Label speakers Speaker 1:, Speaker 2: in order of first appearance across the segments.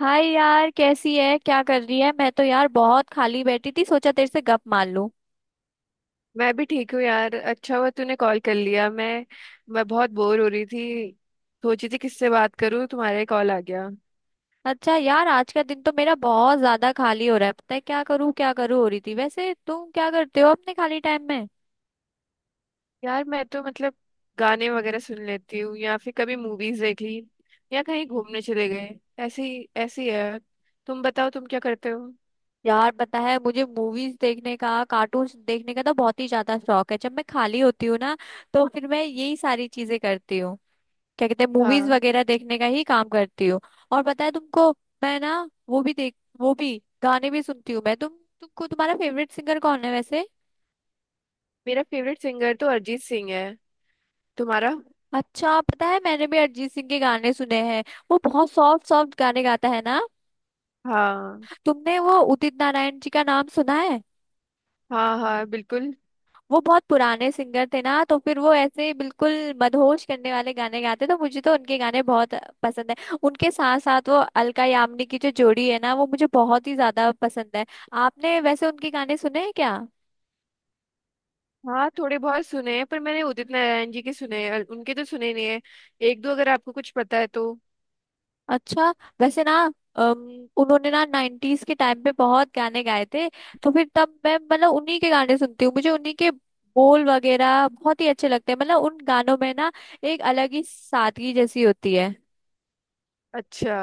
Speaker 1: हाय यार, कैसी है? क्या कर रही है? मैं तो यार बहुत खाली बैठी थी, सोचा तेरे से गप मार लूं।
Speaker 2: मैं भी ठीक हूँ यार। अच्छा हुआ तूने कॉल कर लिया। मैं बहुत बोर हो रही थी। सोची थी किससे बात करूँ, तुम्हारे कॉल आ गया।
Speaker 1: अच्छा यार, आज का दिन तो मेरा बहुत ज्यादा खाली हो रहा है। पता है क्या करूं हो रही थी। वैसे तुम क्या करते हो अपने खाली टाइम में?
Speaker 2: यार मैं तो मतलब गाने वगैरह सुन लेती हूँ, या फिर कभी मूवीज देख ली, या कहीं घूमने चले गए। ऐसी ऐसी है। तुम बताओ तुम क्या करते हो।
Speaker 1: यार पता है, मुझे मूवीज देखने का, कार्टून्स देखने का तो बहुत ही ज्यादा शौक है। जब मैं खाली होती हूँ ना, तो फिर मैं यही सारी चीजें करती हूँ। क्या कहते हैं, मूवीज
Speaker 2: हाँ,
Speaker 1: वगैरह देखने का ही काम करती हूँ। और पता है तुमको, मैं ना, वो भी देख वो भी गाने भी सुनती हूँ। मैं तुम तुमको तुम्हारा फेवरेट सिंगर कौन है वैसे?
Speaker 2: मेरा फेवरेट सिंगर तो अरिजीत सिंह है। तुम्हारा?
Speaker 1: अच्छा, पता है मैंने भी अरिजीत सिंह के गाने सुने हैं। वो बहुत सॉफ्ट सॉफ्ट गाने गाता है ना।
Speaker 2: हाँ
Speaker 1: तुमने वो उदित नारायण जी का नाम सुना है?
Speaker 2: हाँ, हाँ बिल्कुल।
Speaker 1: वो बहुत पुराने सिंगर थे ना, तो फिर वो ऐसे बिल्कुल मदहोश करने वाले गाने गाते। तो मुझे तो उनके गाने बहुत पसंद है। उनके साथ साथ वो अलका यामिनी की जो जोड़ी है ना, वो मुझे बहुत ही ज्यादा पसंद है। आपने वैसे उनके गाने सुने हैं क्या?
Speaker 2: हाँ थोड़े बहुत सुने हैं, पर मैंने उदित नारायण जी के सुने हैं और उनके तो सुने नहीं है। एक दो अगर आपको कुछ पता है तो।
Speaker 1: अच्छा। वैसे ना, उन्होंने ना नाइन्टीज के टाइम पे बहुत गाने गाए थे। तो फिर तब मैं, मतलब, उन्हीं के गाने सुनती हूँ। मुझे उन्हीं के बोल वगैरह बहुत ही अच्छे लगते हैं। मतलब उन गानों में ना एक अलग ही सादगी जैसी होती है।
Speaker 2: अच्छा।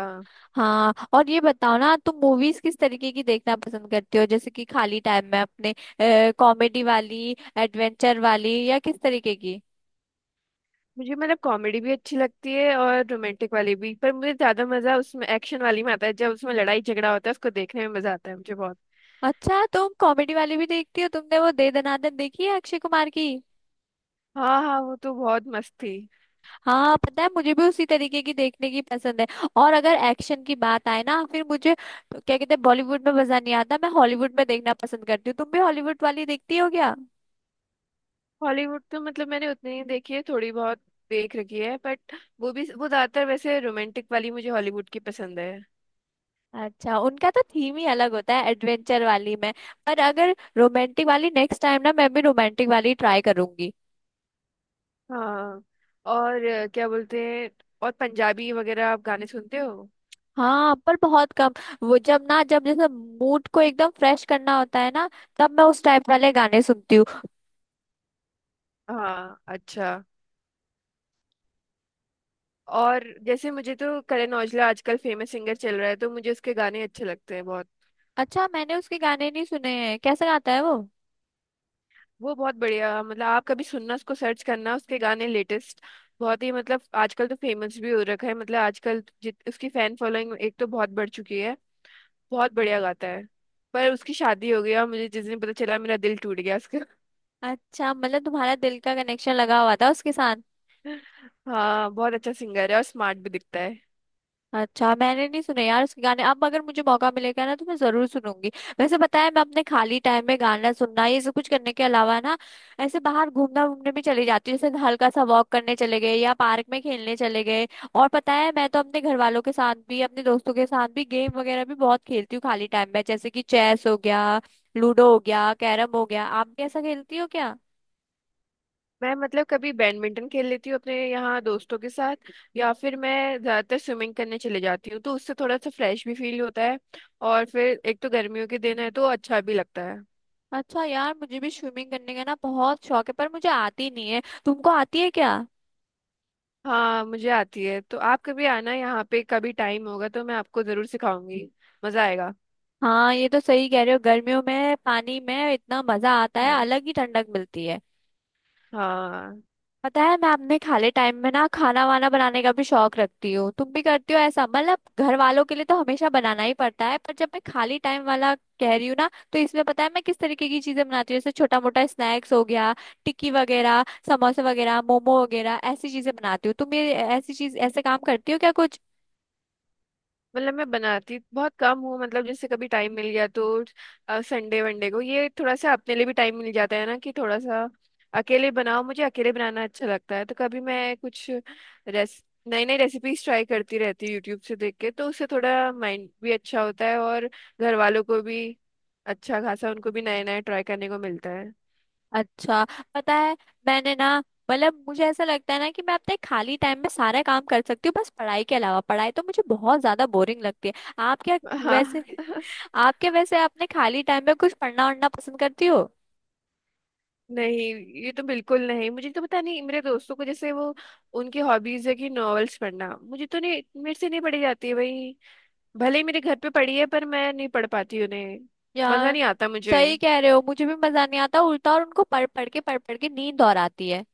Speaker 1: हाँ, और ये बताओ ना, तुम मूवीज किस तरीके की देखना पसंद करती हो, जैसे कि खाली टाइम में अपने? कॉमेडी वाली, एडवेंचर वाली, या किस तरीके की?
Speaker 2: मुझे मतलब कॉमेडी भी अच्छी लगती है और रोमांटिक वाली भी, पर मुझे ज्यादा मजा उसमें एक्शन वाली में आता है। जब उसमें लड़ाई झगड़ा होता है उसको देखने में मजा आता है मुझे बहुत।
Speaker 1: अच्छा, तुम कॉमेडी वाली भी देखती हो। तुमने वो दे दनादन देखी है अक्षय कुमार की?
Speaker 2: हाँ हाँ, वो तो बहुत मस्त थी।
Speaker 1: हाँ, पता है मुझे भी उसी तरीके की देखने की पसंद है। और अगर एक्शन की बात आए ना, फिर मुझे, क्या कहते हैं, बॉलीवुड में मजा नहीं आता। मैं हॉलीवुड में देखना पसंद करती हूँ। तुम भी हॉलीवुड वाली देखती हो क्या?
Speaker 2: हॉलीवुड तो मतलब मैंने उतनी ही देखी है, थोड़ी बहुत देख रखी है, बट वो भी, वो ज्यादातर वैसे रोमांटिक वाली मुझे हॉलीवुड की पसंद है।
Speaker 1: अच्छा, उनका तो थीम ही अलग होता है एडवेंचर वाली में। पर अगर रोमांटिक वाली, नेक्स्ट टाइम ना मैं भी रोमांटिक वाली ट्राई करूंगी।
Speaker 2: हाँ और क्या बोलते हैं, और पंजाबी वगैरह आप गाने सुनते हो?
Speaker 1: हाँ पर बहुत कम। वो जब ना, जब जैसे मूड को एकदम फ्रेश करना होता है ना, तब मैं उस टाइप वाले गाने सुनती हूँ।
Speaker 2: हाँ अच्छा। और जैसे मुझे तो करण औजला आजकल फेमस सिंगर चल रहा है, तो मुझे उसके गाने अच्छे लगते हैं बहुत।
Speaker 1: अच्छा, मैंने उसके गाने नहीं सुने हैं। कैसे गाता है वो?
Speaker 2: वो बहुत बढ़िया, मतलब आप कभी सुनना, उसको सर्च करना उसके गाने लेटेस्ट। बहुत ही मतलब आजकल तो फेमस भी हो रखा है। मतलब आजकल जित उसकी फैन फॉलोइंग एक तो बहुत बढ़ चुकी है। बहुत बढ़िया गाता है। पर उसकी शादी हो गई, और मुझे जिस दिन पता चला मेरा दिल टूट गया उसका।
Speaker 1: अच्छा, मतलब तुम्हारा दिल का कनेक्शन लगा हुआ था उसके साथ।
Speaker 2: हाँ, बहुत अच्छा सिंगर है और स्मार्ट भी दिखता है।
Speaker 1: अच्छा, मैंने नहीं सुने यार उसके गाने। अब अगर मुझे मौका मिलेगा ना, तो मैं जरूर सुनूंगी। वैसे बताया, मैं अपने खाली टाइम में गाना सुनना ये सब कुछ करने के अलावा ना, ऐसे बाहर घूमना, घूमने भी चली जाती हूँ। जैसे हल्का सा वॉक करने चले गए, या पार्क में खेलने चले गए। और पता है, मैं तो अपने घर वालों के साथ भी, अपने दोस्तों के साथ भी गेम वगैरह भी बहुत खेलती हूँ खाली टाइम में। जैसे कि चेस हो गया, लूडो हो गया, कैरम हो गया। आप भी ऐसा खेलती हो क्या?
Speaker 2: मैं मतलब कभी बैडमिंटन खेल लेती हूँ अपने यहाँ दोस्तों के साथ। या फिर मैं ज्यादातर स्विमिंग करने चले जाती हूँ, तो उससे थोड़ा सा फ्रेश भी फील होता है। और फिर एक तो गर्मियों के दिन है तो अच्छा भी लगता है।
Speaker 1: अच्छा यार, मुझे भी स्विमिंग करने का ना बहुत शौक है, पर मुझे आती नहीं है। तुमको आती है क्या?
Speaker 2: हाँ मुझे आती है, तो आप कभी आना यहाँ पे, कभी टाइम होगा तो मैं आपको जरूर सिखाऊंगी। मजा आएगा।
Speaker 1: हाँ, ये तो सही कह रहे हो। गर्मियों में पानी में इतना मजा आता है,
Speaker 2: हाँ।
Speaker 1: अलग ही ठंडक मिलती है।
Speaker 2: हाँ।
Speaker 1: पता है, मैं अपने खाली टाइम में ना खाना वाना बनाने का भी शौक रखती हूँ। तुम भी करती हो ऐसा? मतलब घर वालों के लिए तो हमेशा बनाना ही पड़ता है, पर जब मैं खाली टाइम वाला कह रही हूँ ना, तो इसमें पता है मैं किस तरीके की चीजें बनाती हूँ? जैसे छोटा मोटा स्नैक्स हो गया, टिक्की वगैरह, समोसे वगैरह, मोमो वगैरह, ऐसी चीजें बनाती हूँ। तुम ये ऐसी चीज, ऐसे काम करती हो क्या कुछ?
Speaker 2: मतलब मैं बनाती बहुत कम हूँ, मतलब जैसे कभी टाइम मिल गया तो संडे वनडे को ये थोड़ा सा अपने लिए भी टाइम मिल जाता है ना, कि थोड़ा सा अकेले बनाओ, मुझे अकेले बनाना अच्छा लगता है। तो कभी मैं कुछ रेस नई नई रेसिपीज ट्राई करती रहती हूँ यूट्यूब से देख के, तो उससे थोड़ा माइंड भी अच्छा होता है, और घर वालों को भी अच्छा खासा उनको भी नए नए ट्राई करने को मिलता है।
Speaker 1: अच्छा, पता है, मैंने ना, मतलब मुझे ऐसा लगता है ना कि मैं अपने खाली टाइम में सारा काम कर सकती हूँ, बस पढ़ाई के अलावा। पढ़ाई तो मुझे बहुत ज्यादा बोरिंग लगती है। आप क्या? वैसे
Speaker 2: हाँ।
Speaker 1: अपने खाली टाइम में कुछ पढ़ना वढ़ना पसंद करती हो?
Speaker 2: नहीं, ये तो बिल्कुल नहीं। मुझे तो पता नहीं, मेरे दोस्तों को जैसे वो, उनकी हॉबीज है कि नॉवेल्स पढ़ना, मुझे तो नहीं, मेरे से नहीं पढ़ी जाती है भाई। भले ही मेरे घर पे पढ़ी है पर मैं नहीं पढ़ पाती उन्हें। मजा
Speaker 1: यार
Speaker 2: नहीं आता मुझे।
Speaker 1: सही कह रहे हो, मुझे भी मजा नहीं आता। उल्टा और उनको पढ़ पढ़ के, पढ़ पढ़ के नींद और आती है।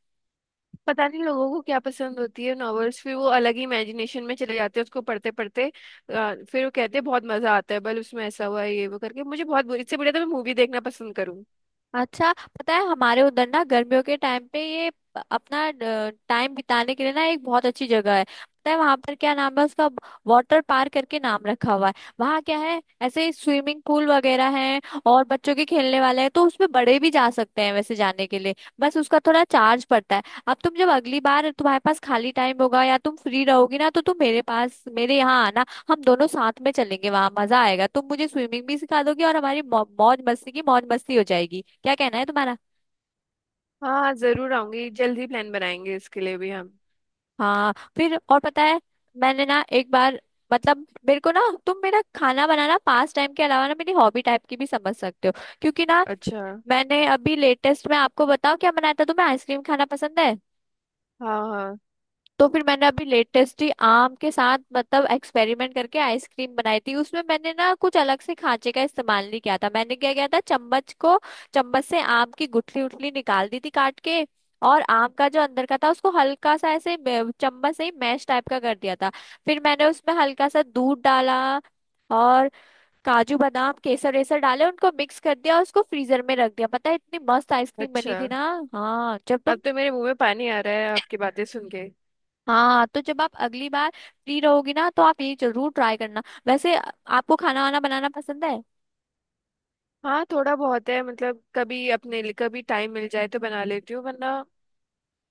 Speaker 2: पता नहीं लोगों को क्या पसंद होती है नॉवेल्स, फिर वो अलग ही इमेजिनेशन में चले जाते हैं उसको पढ़ते पढ़ते। फिर वो कहते हैं बहुत मजा आता है, बल उसमें ऐसा हुआ ये वो करके, मुझे बहुत बुरी, इससे बढ़िया तो मैं मूवी देखना पसंद करूँ।
Speaker 1: अच्छा, पता है, हमारे उधर ना गर्मियों के टाइम पे ये प- अपना टाइम बिताने के लिए ना एक बहुत अच्छी जगह है। पता है वहां पर क्या नाम है उसका? वाटर पार्क करके नाम रखा हुआ है। वहाँ क्या है, ऐसे ही स्विमिंग पूल वगैरह है, और बच्चों के खेलने वाले हैं, तो उसमें बड़े भी जा सकते हैं वैसे जाने के लिए। बस उसका थोड़ा चार्ज पड़ता है। अब तुम जब अगली बार तुम्हारे पास खाली टाइम होगा, या तुम फ्री रहोगी ना, तो तुम मेरे पास, मेरे यहाँ आना। हम दोनों साथ में चलेंगे, वहां मजा आएगा, तुम मुझे स्विमिंग भी सिखा दोगी, और हमारी मौ- मौज मस्ती की, मौज मस्ती हो जाएगी। क्या कहना है तुम्हारा?
Speaker 2: हाँ जरूर आऊंगी, जल्दी प्लान बनाएंगे इसके लिए भी हम।
Speaker 1: हाँ फिर, और पता है, मैंने ना एक बार, मतलब मेरे को ना, तुम मेरा खाना बनाना पास टाइम के अलावा ना मेरी हॉबी टाइप की भी समझ सकते हो, क्योंकि ना,
Speaker 2: अच्छा।
Speaker 1: मैंने अभी लेटेस्ट में, आपको बताओ क्या बनाया था। तुम्हें आइसक्रीम खाना पसंद है?
Speaker 2: हाँ हाँ।
Speaker 1: तो फिर मैंने अभी लेटेस्ट ही आम के साथ, मतलब एक्सपेरिमेंट करके आइसक्रीम बनाई थी। उसमें मैंने ना कुछ अलग से खांचे का इस्तेमाल नहीं किया था। मैंने क्या किया था, चम्मच को, चम्मच से आम की गुठली उठली निकाल दी थी काट के। और आम का जो अंदर का था, उसको हल्का सा ऐसे मे- चम्मच से ही मैश टाइप का कर दिया था। फिर मैंने उसमें हल्का सा दूध डाला, और काजू बादाम केसर वेसर डाले, उनको मिक्स कर दिया, और उसको फ्रीजर में रख दिया। पता है इतनी मस्त आइसक्रीम बनी
Speaker 2: अच्छा
Speaker 1: थी ना। हाँ जब
Speaker 2: अब
Speaker 1: तुम,
Speaker 2: तो मेरे मुंह में पानी आ रहा है आपकी बातें सुन के।
Speaker 1: हाँ तो जब आप अगली बार फ्री रहोगी ना, तो आप ये जरूर ट्राई करना। वैसे आ- आपको खाना वाना बनाना पसंद है?
Speaker 2: हाँ थोड़ा बहुत है, मतलब कभी अपने लिए कभी टाइम मिल जाए तो बना लेती हूँ, वरना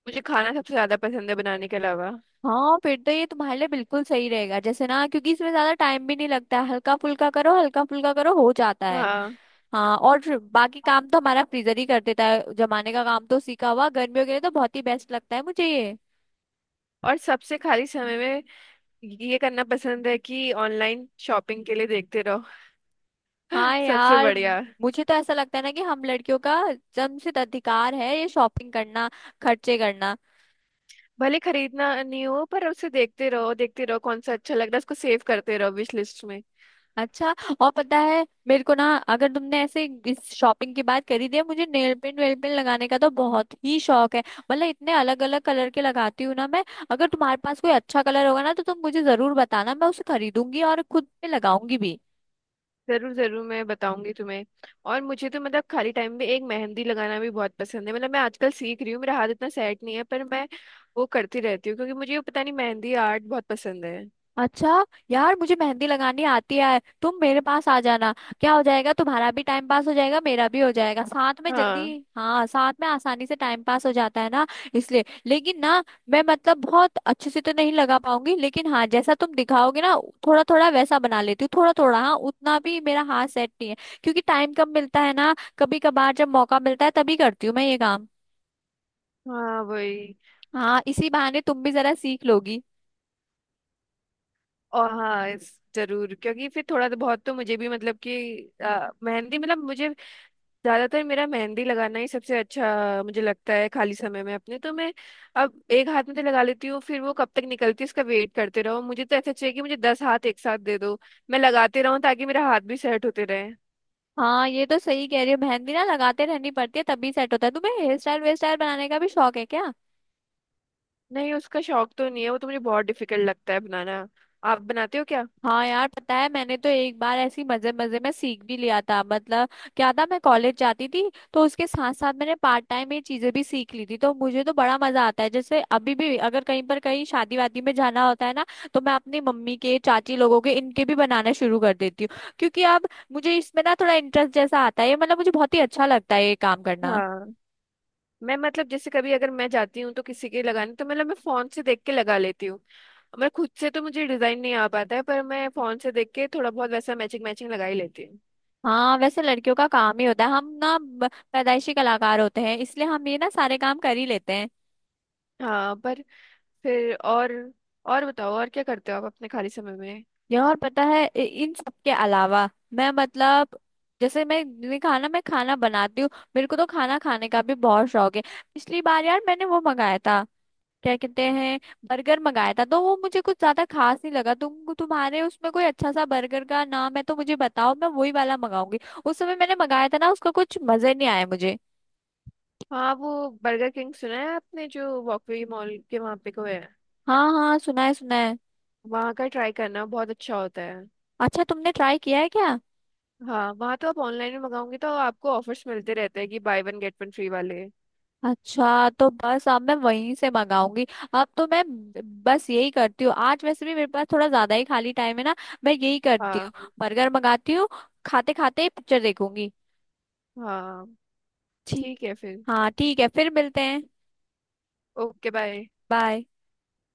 Speaker 2: मुझे खाना सबसे ज्यादा पसंद है बनाने के अलावा।
Speaker 1: हाँ फिर तो ये तुम्हारे लिए बिल्कुल सही रहेगा। जैसे ना, क्योंकि इसमें ज्यादा टाइम भी नहीं लगता है। हल्का फुल्का करो, हल्का फुल्का करो, हो जाता है।
Speaker 2: हाँ।
Speaker 1: हाँ और फिर बाकी काम तो हमारा फ्रीजर ही कर देता है जमाने का काम, तो सीखा हुआ गर्मियों के लिए तो बहुत ही बेस्ट लगता है मुझे ये।
Speaker 2: और सबसे खाली समय में ये करना पसंद है कि ऑनलाइन शॉपिंग के लिए देखते रहो।
Speaker 1: हाँ
Speaker 2: सबसे
Speaker 1: यार,
Speaker 2: बढ़िया।
Speaker 1: मुझे तो ऐसा लगता है ना कि हम लड़कियों का जन्मसिद्ध अधिकार है ये शॉपिंग करना, खर्चे करना।
Speaker 2: भले खरीदना नहीं हो पर उसे देखते रहो, देखते रहो कौन सा अच्छा लग रहा है उसको सेव करते रहो विश लिस्ट में।
Speaker 1: अच्छा, और पता है, मेरे को ना, अगर तुमने ऐसे इस शॉपिंग की बात करी थी, मुझे नेल पेंट वेल पेंट लगाने का तो बहुत ही शौक है। मतलब इतने अलग अलग कलर के लगाती हूँ ना मैं। अगर तुम्हारे पास कोई अच्छा कलर होगा ना, तो तुम मुझे जरूर बताना, मैं उसे खरीदूंगी और खुद पे लगाऊंगी भी।
Speaker 2: जरूर जरूर, मैं बताऊंगी तुम्हें। और मुझे तो मतलब खाली टाइम में एक मेहंदी लगाना भी बहुत पसंद है। मतलब मैं आजकल सीख रही हूँ, मेरा हाथ इतना सेट नहीं है, पर मैं वो करती रहती हूँ क्योंकि मुझे ये पता नहीं मेहंदी आर्ट बहुत पसंद है।
Speaker 1: अच्छा यार, मुझे मेहंदी लगानी आती है, तुम मेरे पास आ जाना। क्या हो जाएगा, तुम्हारा भी टाइम पास हो जाएगा, मेरा भी हो जाएगा साथ में जल्दी।
Speaker 2: हाँ।
Speaker 1: हाँ, साथ में आसानी से टाइम पास हो जाता है ना, इसलिए। लेकिन ना, मैं मतलब बहुत अच्छे से तो नहीं लगा पाऊंगी, लेकिन हाँ जैसा तुम दिखाओगे ना, थोड़ा थोड़ा वैसा बना लेती हूँ, थोड़ा थोड़ा। हाँ, उतना भी मेरा हाथ सेट नहीं है, क्योंकि टाइम कम मिलता है ना। कभी कभार जब मौका मिलता है तभी करती हूँ मैं ये काम।
Speaker 2: हाँ वही।
Speaker 1: हाँ, इसी बहाने तुम भी जरा सीख लोगी।
Speaker 2: और हाँ इस- जरूर, क्योंकि फिर थोड़ा तो बहुत तो मुझे भी मतलब कि मेहंदी, मतलब मुझे ज्यादातर मेरा मेहंदी लगाना ही सबसे अच्छा मुझे लगता है खाली समय में अपने। तो मैं अब एक हाथ में तो लगा लेती हूँ, फिर वो कब तक निकलती है उसका वेट करते रहो। मुझे तो ऐसा चाहिए कि मुझे 10 हाथ एक साथ दे दो, मैं लगाते रहूँ ताकि मेरा हाथ भी सेट होते रहे।
Speaker 1: हाँ, ये तो सही कह रही है, मेहंदी ना लगाते रहनी पड़ती है तभी सेट होता है। तुम्हें हेयर स्टाइल वेयर स्टाइल बनाने का भी शौक है क्या?
Speaker 2: नहीं उसका शौक तो नहीं है, वो तो मुझे बहुत डिफिकल्ट लगता है बनाना। आप बनाते हो क्या?
Speaker 1: हाँ यार, पता है मैंने तो एक बार ऐसी मजे मजे में सीख भी लिया था। मतलब क्या था, मैं कॉलेज जाती थी, तो उसके साथ साथ मैंने पार्ट टाइम ये चीजें भी सीख ली थी। तो मुझे तो बड़ा मजा आता है। जैसे अभी भी अगर कहीं पर, कहीं शादी वादी में जाना होता है ना, तो मैं अपनी मम्मी के, चाची लोगों के, इनके भी बनाना शुरू कर देती हूँ। क्योंकि अब मुझे इसमें ना थोड़ा इंटरेस्ट जैसा आता है ये, मतलब मुझे बहुत ही अच्छा लगता है ये काम करना।
Speaker 2: हाँ मैं मतलब जैसे कभी अगर मैं जाती हूँ तो किसी के लगाने, तो मतलब मैं फोन से देख के लगा लेती हूँ। मैं खुद से तो मुझे डिजाइन नहीं आ पाता है, पर मैं फोन से देख के थोड़ा बहुत वैसा मैचिंग मैचिंग लगा ही लेती हूँ।
Speaker 1: हाँ, वैसे लड़कियों का काम ही होता है। हम ना ब- पैदाइशी कलाकार होते हैं, इसलिए हम ये ना सारे काम कर ही लेते हैं।
Speaker 2: हाँ पर फिर और बताओ और क्या करते हो आप अपने खाली समय में।
Speaker 1: ये, और पता है इ- इन सब के अलावा मैं मतलब, जैसे मैं, मैंने कहा ना मैं खाना बनाती हूँ, मेरे को तो खाना खाने का भी बहुत शौक है। पिछली बार यार मैंने वो मंगाया था, क्या कहते हैं, बर्गर मंगाया था। तो वो मुझे कुछ ज्यादा खास नहीं लगा। तुम्हारे उसमें कोई अच्छा सा बर्गर का नाम है तो मुझे बताओ, मैं वही वाला मंगाऊंगी। उस समय मैंने मंगाया था ना, उसका कुछ मजे नहीं आया मुझे।
Speaker 2: हाँ वो बर्गर किंग सुना है आपने, जो वॉकवे मॉल के वहाँ पे को है?
Speaker 1: हाँ हाँ, सुना है, सुना है।
Speaker 2: वहाँ का ट्राई करना, बहुत अच्छा होता है।
Speaker 1: अच्छा, तुमने ट्राई किया है क्या?
Speaker 2: हाँ वहाँ तो आप ऑनलाइन में मंगाओगे तो आपको ऑफर्स मिलते रहते हैं कि buy one get one free वाले।
Speaker 1: अच्छा, तो बस अब मैं वहीं से मंगाऊंगी। अब तो मैं ब- बस यही करती हूँ। आज वैसे भी मेरे पास थोड़ा ज्यादा ही खाली टाइम है ना, मैं यही करती
Speaker 2: हाँ।
Speaker 1: हूँ, बर्गर मंगाती हूँ, खाते खाते पिक्चर देखूंगी।
Speaker 2: हाँ
Speaker 1: ठीक।
Speaker 2: ठीक है फिर।
Speaker 1: हाँ ठीक है, फिर मिलते हैं।
Speaker 2: Okay bye.
Speaker 1: बाय।